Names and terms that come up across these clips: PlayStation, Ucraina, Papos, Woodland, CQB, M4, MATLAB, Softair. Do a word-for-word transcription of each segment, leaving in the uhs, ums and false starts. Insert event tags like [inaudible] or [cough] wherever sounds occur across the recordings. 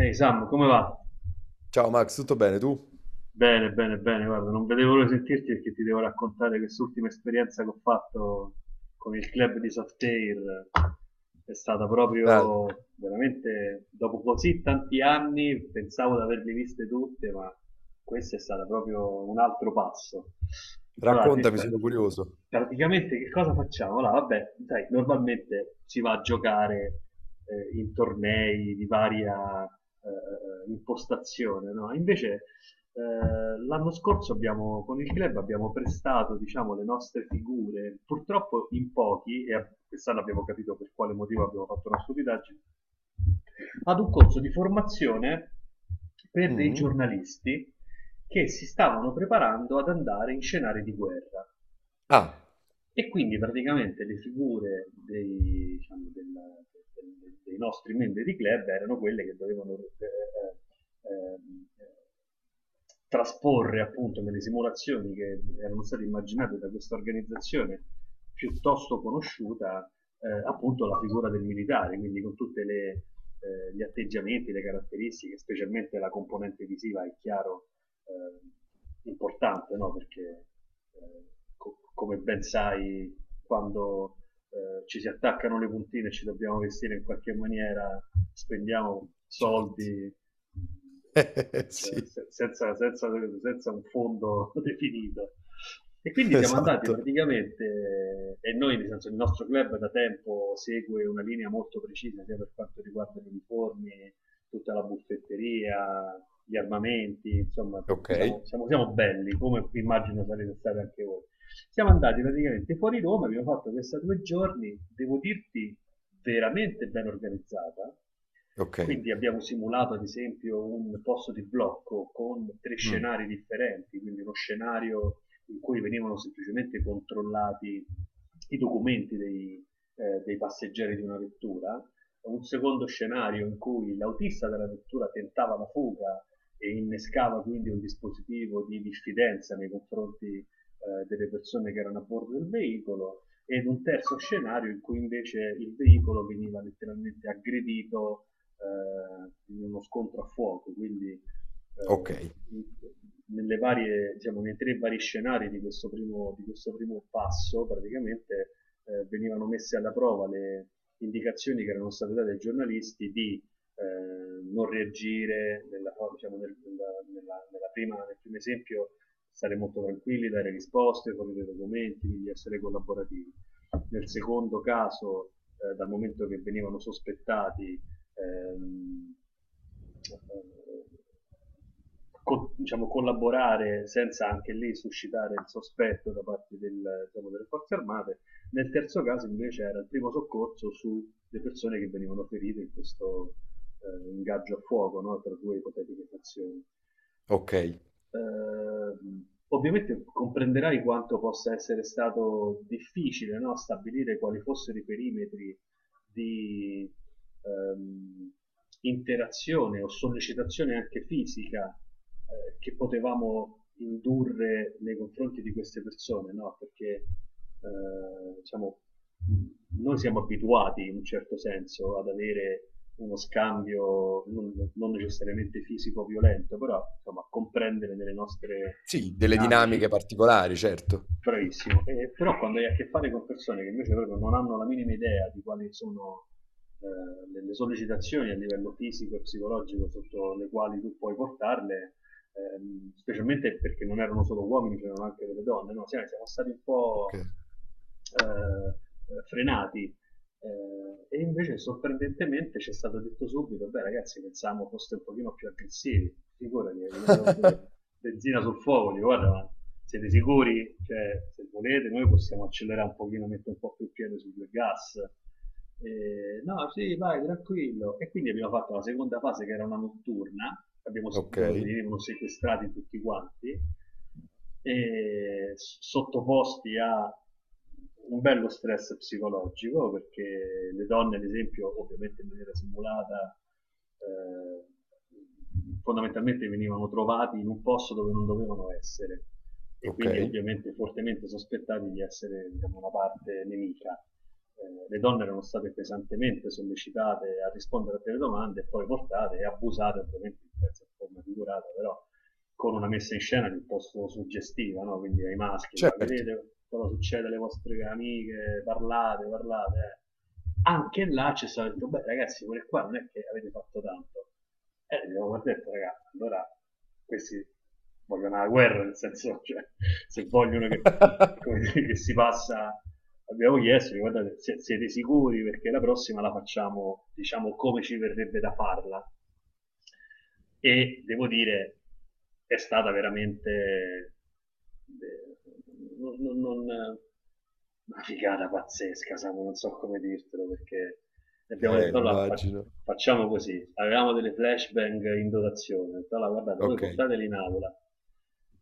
Ehi Sam, come va? Ciao Max, tutto bene tu? Bene, bene, bene, guarda, non vedevo l'ora di sentirti perché ti devo raccontare quest'ultima esperienza che ho fatto con il club di Softair. È stata Dai, proprio veramente dopo così tanti anni, pensavo di averle viste tutte, ma questo è stato proprio un altro passo. Allora, ti- raccontami, beh, sono curioso. praticamente che cosa facciamo? Allora, vabbè, sai, normalmente si va a giocare eh, in tornei di varia eh, impostazione, no? Invece eh, l'anno scorso abbiamo, con il club abbiamo prestato diciamo, le nostre figure, purtroppo in pochi, e a- quest'anno abbiamo capito per quale motivo abbiamo fatto una stupidaggine, ad un corso di formazione per dei Mhm. giornalisti che si stavano preparando ad andare in scenari di guerra. Ah, E quindi praticamente le figure dei, diciamo, del- del- dei nostri membri di club erano quelle che dovevano eh, ehm, trasporre appunto nelle simulazioni che erano state immaginate da questa organizzazione piuttosto conosciuta, eh, appunto la figura del militare, quindi con tutti eh, gli atteggiamenti, le caratteristiche, specialmente la componente visiva è chiaro eh, importante, no? Perché eh, co- come ben sai, quando eh, ci si attaccano le puntine e ci dobbiamo vestire in qualche maniera, spendiamo certo. soldi, [laughs] cioè, Sì, se- senza, senza- senza un fondo [laughs] definito. E quindi siamo andati esatto. praticamente, eh, e noi, nel senso, il nostro club da tempo segue una linea molto precisa sia per quanto riguarda gli uniformi, tutta la buffetteria, gli armamenti, insomma, Ok, siamo, siamo- siamo belli, come immagino sarete stati anche voi. Siamo andati praticamente fuori Roma, abbiamo fatto questa due giorni, devo dirti, veramente ben organizzata, ok, quindi abbiamo simulato ad esempio un posto di blocco con tre mm, scenari differenti, quindi uno scenario in cui venivano semplicemente controllati i documenti dei, eh, dei passeggeri di una vettura, un secondo scenario in cui l'autista della vettura tentava la fuga e innescava quindi un dispositivo di diffidenza nei confronti eh, delle persone che erano a bordo del veicolo, ed un terzo scenario in cui invece il veicolo veniva letteralmente aggredito eh, in uno scontro a fuoco, quindi ok, eh, in, nelle varie, diciamo, nei tre vari scenari di questo primo, di questo primo passo, praticamente eh, venivano messe alla prova le indicazioni che erano state date ai giornalisti di eh, non reagire, nella, diciamo, nel, nella, nella, nella prima, nel primo esempio stare molto tranquilli, dare risposte, fornire documenti, quindi essere collaborativi. Nel secondo caso, eh, dal momento che venivano sospettati, ehm, co- diciamo, collaborare senza anche lì suscitare il sospetto da parte del- diciamo, delle forze armate. Nel terzo caso invece era il primo soccorso sulle persone che venivano ferite in questo eh, ingaggio a fuoco, no, tra due ipotetiche fazioni. ok. Eh, Ovviamente comprenderai quanto possa essere stato difficile, no, stabilire quali fossero i perimetri di ehm, interazione o sollecitazione anche fisica eh, che potevamo indurre nei confronti di queste persone, no? Perché eh, diciamo, noi siamo abituati in un certo senso ad avere uno scambio non, non necessariamente fisico violento, però insomma, a comprendere nelle nostre Sì, delle dinamiche. dinamiche particolari, certo. Bravissimo. Eh, però quando hai a che fare con persone che invece proprio non hanno la minima idea di quali sono eh, le, le sollecitazioni a livello fisico e psicologico sotto le quali tu puoi portarle, ehm, specialmente perché non erano solo uomini, c'erano anche delle donne, no? Siamo, siamo stati un Ok, po' eh, frenati, eh, e invece sorprendentemente ci è stato detto subito: beh ragazzi, pensavamo foste un pochino più aggressivi. Figurati, hai tirato ben- [laughs] benzina sul fuoco, dico: guarda, ma siete sicuri? Cioè, se volete noi possiamo accelerare un pochino, mettere un po' più il piede sul gas. Eh, no, sì, vai, tranquillo. E quindi abbiamo fatto la seconda fase che era una notturna, abbiamo se- ok, dove venivano sequestrati tutti quanti, e s- sottoposti a un bello stress psicologico perché le donne, ad esempio, ovviamente in maniera simulata, eh, fondamentalmente venivano trovati in un posto dove non dovevano essere e ok, quindi ovviamente fortemente sospettati di essere, diciamo, una parte nemica. Eh, le donne erano state pesantemente sollecitate a rispondere a delle domande e poi portate e abusate ovviamente in forma figurata, però con una messa in scena piuttosto suggestiva, no? Quindi ai maschi, cioè, certo. vedete cosa succede alle vostre amiche, parlate, parlate. eh. Anche là ci stato detto: beh ragazzi, quelle qua non è che avete fatto tanto. E eh, abbiamo detto: ragazzi, allora questi vogliono la guerra, nel senso, cioè, se vogliono che, [laughs] come dire, che si passa, abbiamo chiesto: guardate, se- siete sicuri, perché la prossima la facciamo, diciamo, come ci verrebbe da farla. E devo dire, è stata veramente... eh, non- non- non- una figata pazzesca, Samu, non so come dirtelo. Perché abbiamo Eh, detto: allora fa- immagino. facciamo così, avevamo delle flashbang in dotazione, ho detto: allora guardate, voi Ok, portateli in aula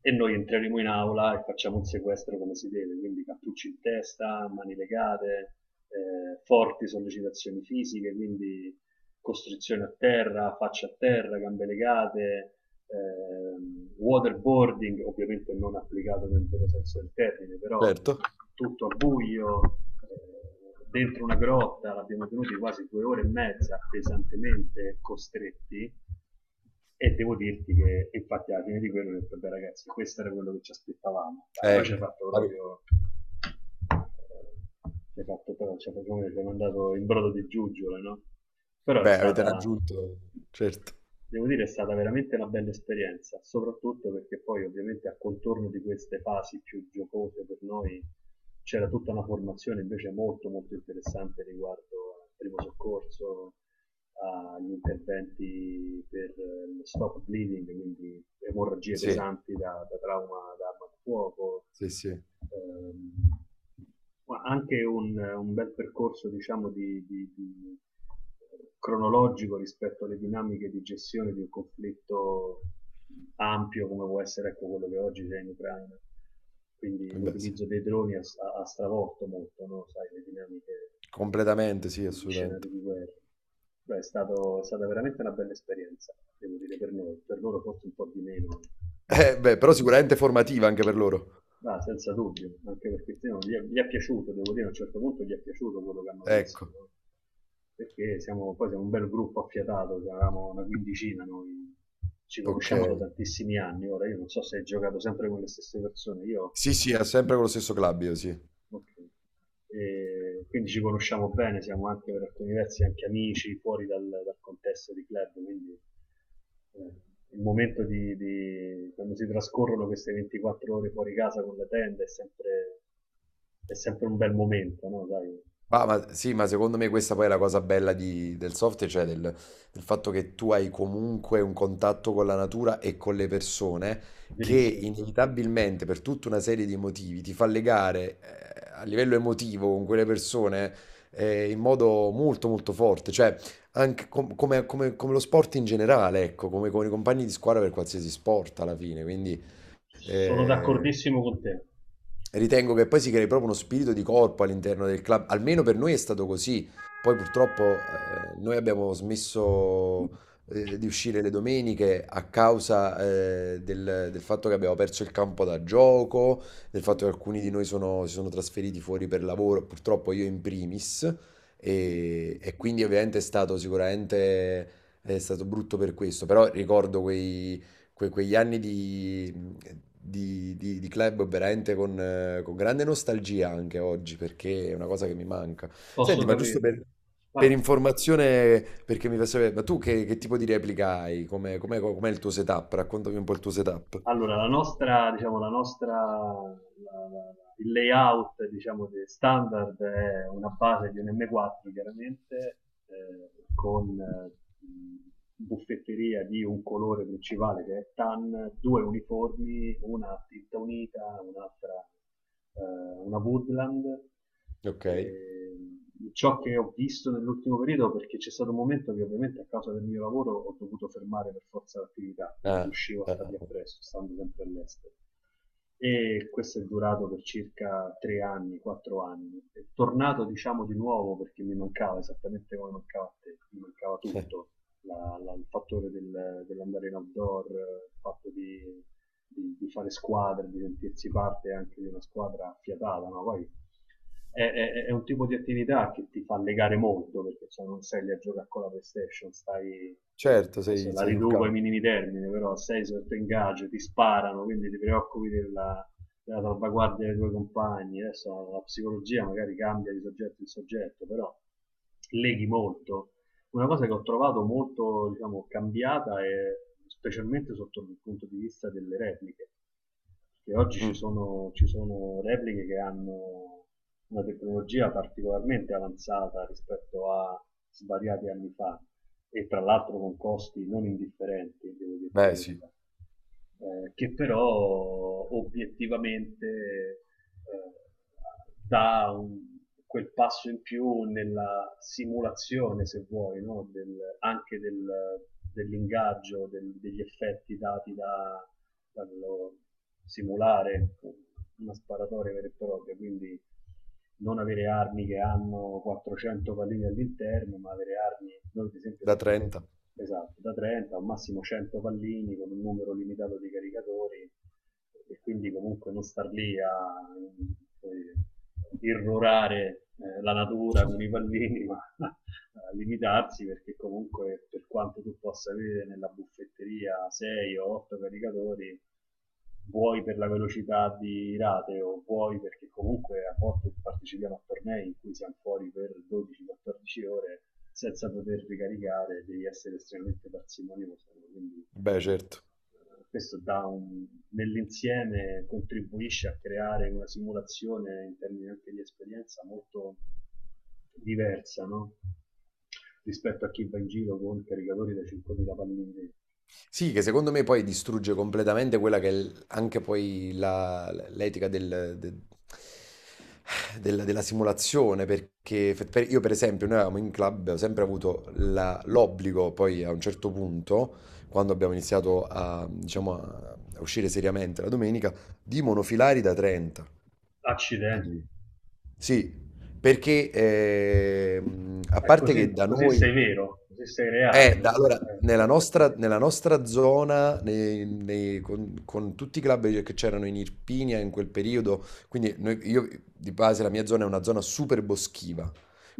e noi entreremo in aula e facciamo un sequestro come si deve, quindi cappucci in testa, mani legate, eh, forti sollecitazioni fisiche, quindi costrizione a terra, faccia a terra, gambe legate, eh, waterboarding, ovviamente non applicato nel vero senso del termine, però certo. tutto a buio, eh, dentro una grotta, l'abbiamo tenuti quasi due ore e mezza pesantemente costretti, e devo dirti che infatti alla fine di quello ho detto: beh ragazzi, questo era quello che ci aspettavamo. Beh, noi ci Eh, ha fatto ave- proprio eh, ci ha fatto proprio ci ha fatto come ci ha mandato in brodo di giuggiole, no? Però è beh, avete stata... raggiunto, certo. Devo dire è stata veramente una bella esperienza, soprattutto perché poi ovviamente a contorno di queste fasi più giocose per noi c'era tutta una formazione invece molto molto interessante riguardo al primo soccorso, agli interventi per eh, lo stop bleeding, quindi emorragie Sì, pesanti da, da trauma da arma da fuoco, sì, sì. ehm, ma anche un, un bel percorso, diciamo, di- di- di- cronologico rispetto alle dinamiche di gestione di un conflitto ampio come può essere, ecco, quello che oggi c'è in Ucraina. Quindi Beh, sì. l'utilizzo dei droni ha, ha stravolto molto, no? Sai, le dinamiche Completamente, sì, degli assolutamente. scenari di guerra. Beh, è, stato- è stata veramente una bella esperienza, devo dire, per noi, per loro forse un po' di meno, Eh, beh, però sicuramente formativa anche per loro. ma ah, senza dubbio, anche perché sì, no, gli, è, gli è piaciuto, devo dire a un certo punto gli è piaciuto quello che hanno visto, Ecco, no? Perché siamo, poi siamo un bel gruppo affiatato, eravamo una quindicina noi, ci ok. conosciamo da tantissimi anni, ora io non so se hai giocato sempre con le stesse persone, io... Sì, sì, è sempre con lo stesso club, io sì. Okay. E quindi ci conosciamo bene, siamo anche per alcuni versi anche amici fuori dal, dal contesto di club, quindi eh, il momento di, di- quando si trascorrono queste ventiquattro ore fuori casa con la tenda è sempre, è sempre un bel momento, no? Dai, Ah, ma sì, ma secondo me questa poi è la cosa bella di- del software, cioè del, del fatto che tu hai comunque un contatto con la natura e con le persone che verissimo. inevitabilmente per tutta una serie di motivi ti fa legare eh, a livello emotivo con quelle persone eh, in modo molto molto forte, cioè anche com- come, come- come lo sport in generale, ecco, come con i compagni di squadra per qualsiasi sport alla fine, quindi... Sono Eh, d'accordissimo con te. Ritengo che poi si crei proprio uno spirito di corpo all'interno del club, almeno per noi è stato così. Poi purtroppo eh, noi abbiamo smesso eh, di uscire le domeniche a causa eh, del, del fatto che abbiamo perso il campo da gioco, del Mm, fatto che alcuni di noi sono- si sono trasferiti fuori per lavoro, purtroppo io in primis, mm, mm, e, e mm. quindi ovviamente è stato sicuramente è stato brutto per questo, però ricordo quei que- quegli anni di, di- di- di club veramente con, eh, con grande nostalgia anche oggi, perché è una cosa che mi manca. Senti, Posso ma giusto capirlo. per, Vai. per informazione, perché mi fa sapere, ma tu che, che tipo di replica hai? Com'è, com'è- com'è il tuo setup? Raccontami un po' il tuo setup. Allora, la nostra, diciamo, la nostra, la- la- il layout, diciamo, de- standard è una base di un M quattro, chiaramente, eh, con eh, buffetteria di un colore principale che è tan, due uniformi, una a tinta unita, un'altra eh, una Woodland. Ok. E ciò che ho visto nell'ultimo periodo, perché c'è stato un momento che ovviamente a causa del mio lavoro ho dovuto fermare per forza l'attività, non Ah, riuscivo a ah, stargli ah. appresso, stando sempre all'estero. E questo è durato per circa tre anni, quattro anni. È tornato, diciamo, di nuovo perché mi mancava esattamente come mancava a te, mi mancava tutto, [laughs] la, la, il fattore del, dell'andare in outdoor, il fatto di di, di fare squadra, di sentirsi parte anche di una squadra affiatata, no? Poi è, è- è un tipo di attività che ti fa legare molto, perché cioè, non sei lì a giocare con la PlayStation, stai... Certo, Adesso sei, la sei sul riduco ai campo. minimi termini, però sei sotto ingaggio, ti sparano, quindi ti preoccupi della, della salvaguardia dei tuoi compagni. Adesso la, la psicologia magari cambia di soggetto in soggetto, però leghi molto. Una cosa che ho trovato molto, diciamo, cambiata è specialmente sotto il punto di vista delle repliche, perché oggi ci Mm, sono, ci sono repliche che hanno una tecnologia particolarmente avanzata rispetto a svariati anni fa, e tra l'altro con costi non indifferenti, devo dire la beh, sì, verità, eh, che però obiettivamente eh, dà un- quel passo in più nella simulazione, se vuoi, no? Del- anche del- dell'ingaggio, del- degli effetti dati da, dallo simulare una sparatoria vera e propria, quindi non avere armi che hanno quattrocento pallini all'interno, ma avere armi, noi ad esempio, da non, trenta. esatto, da trenta al massimo cento pallini con un numero limitato di caricatori, e quindi comunque non star lì a, come dire, irrorare eh, la natura con i pallini, ma [laughs] a limitarsi, perché comunque per quanto tu possa avere nella buffetteria sei o otto caricatori, vuoi per la velocità di rate o vuoi perché comunque a volte partecipiamo a tornei in cui siamo fuori per dodici a quattordici ore senza poter ricaricare, devi essere estremamente parsimonioso, quindi Beh, certo. eh, questo dà un... nell'insieme contribuisce a creare una simulazione in termini anche di esperienza molto diversa, no? Rispetto a chi va in giro con caricatori da cinquemila pallini. Sì, che secondo me poi distrugge completamente quella che è l- anche poi la- l'etica del- de- della della simulazione, perché fe- per- io per esempio, noi avevamo in club, abbiamo sempre avuto la- l'obbligo, poi a un certo punto, quando abbiamo iniziato a, diciamo, a a uscire seriamente la domenica, di monofilari da trenta. Accidenti. Sì, perché ehm, a Eh, parte che Così, da così sei noi vero, così sei reale, eh, nel da- allora, senso, eh, nella nostra, nella nostra zona, nei- nei- con, con tutti i club che c'erano in Irpinia in quel periodo, quindi noi- io di base la mia zona è una zona super boschiva,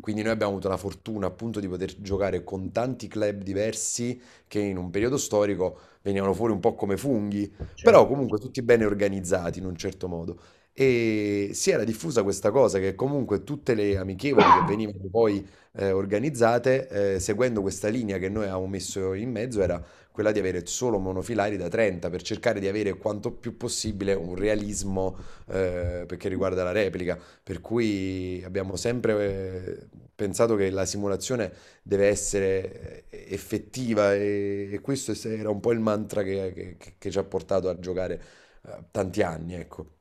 quindi noi abbiamo avuto la fortuna appunto di poter giocare con tanti club diversi che in un periodo storico venivano fuori un po' come funghi, però certo. Certo. comunque tutti bene organizzati in un certo modo. E si era diffusa questa cosa che comunque tutte le amichevoli che venivano poi eh, organizzate, eh, seguendo questa linea che noi avevamo messo in mezzo, era quella di avere solo monofilari da trenta per cercare di avere quanto più possibile un realismo eh, perché riguarda la replica. Per cui abbiamo sempre eh, pensato che la simulazione deve essere eh, effettiva e, e questo è- era un po' il mantra che, che- che- che ci ha portato a giocare eh, tanti anni, ecco.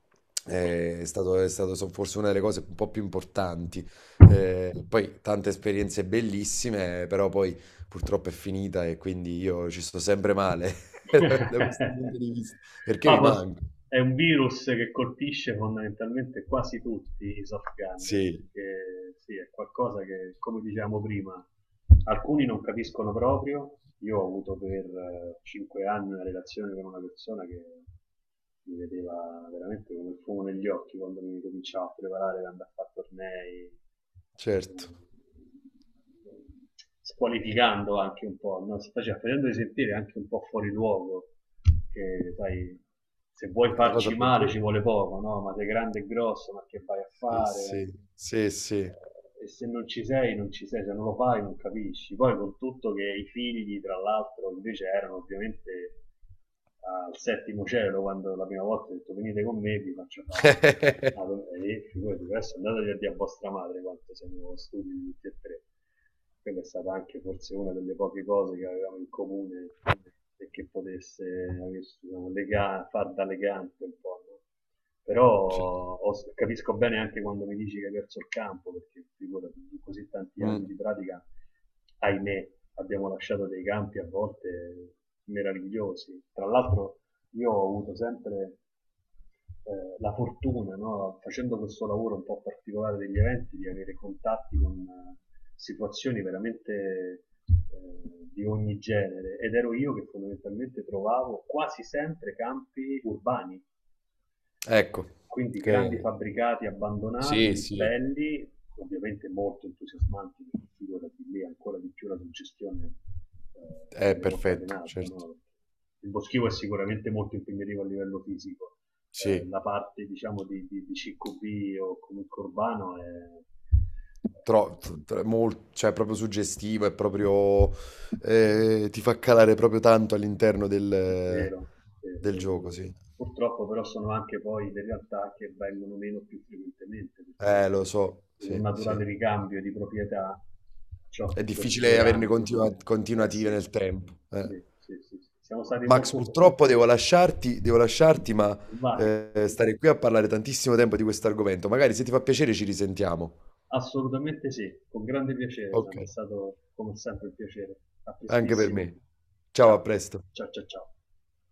Eh, è stato, è stato so- forse una delle cose un po' più importanti. Eh, poi tante esperienze bellissime, però poi purtroppo è finita e quindi io ci sto sempre male [laughs] da questo punto [laughs] di vista, perché mi Papos manca. è un virus che colpisce fondamentalmente quasi tutti i soft gunner, Sì, perché sì, è qualcosa che, come dicevamo prima, alcuni non capiscono proprio. Io ho avuto per cinque anni una relazione con una persona che mi vedeva veramente come il fumo negli occhi quando mi cominciavo a preparare per andare a fare tornei. certo, Eh, Squalificando anche un po', no? Si faceva, facendo sentire anche un po' fuori luogo, che sai, se vuoi è la cosa farci male ci peggiore. vuole poco, no? Ma sei grande e grosso, ma che vai a Sì, fare? sì, sì, sì. Eh, E se non ci sei, non ci sei, se non lo fai non capisci. Poi con tutto che i figli, tra l'altro, invece erano ovviamente al settimo cielo quando la prima volta ho detto: venite con me vi faccio fare [laughs] una domanda, e figurati adesso andatevi a dire a vostra madre quanto siamo stupidi tutti e tre. Quella è stata anche forse una delle poche cose che avevamo in comune e che potesse, diciamo, lega- far da legante un po', no? Però Sì. ho- capisco bene anche quando mi dici che hai perso il campo, perché figurati, in così tanti anni Mm, di pratica, ahimè, abbiamo lasciato dei campi a volte meravigliosi. Tra l'altro io ho avuto sempre eh, la fortuna, no, facendo questo lavoro un po' particolare degli eventi, di avere contatti con eh, situazioni veramente eh, di ogni genere, ed ero io che fondamentalmente trovavo quasi sempre campi urbani, ecco, quindi grandi che- fabbricati sì, abbandonati, sì, belli, ovviamente molto entusiasmanti, perché figurati lì ancora di più la suggestione eh, è viene portata in perfetto, alto, certo. no? Il boschivo è sicuramente molto impegnativo a livello fisico, eh, Sì. la parte diciamo di, di, di C Q B o comunque urbano è, tro- eh... tro- mol- cioè, è proprio suggestivo, è proprio, eh, ti fa calare proprio tanto all'interno del, Vero, vero, del vero, gioco, vero. sì. Purtroppo però sono anche poi le realtà che vengono meno più frequentemente, Eh, perché lo so, in un sì, sì. naturale ricambio di proprietà ciò È che per difficile due averne anni, continua- eh continuative sì, nel tempo. sì, Eh. sì, sì, sì. Siamo stati Max, molto... purtroppo devo lasciarti, devo lasciarti, ma Vai, eh, stare qui a parlare tantissimo tempo di questo argomento. Magari se ti fa piacere ci risentiamo. assolutamente sì, con grande piacere, Ok. Sam, è stato come sempre un piacere. A Anche per prestissimo. me. Ciao, a Ciao, presto. ciao, ciao, ciao.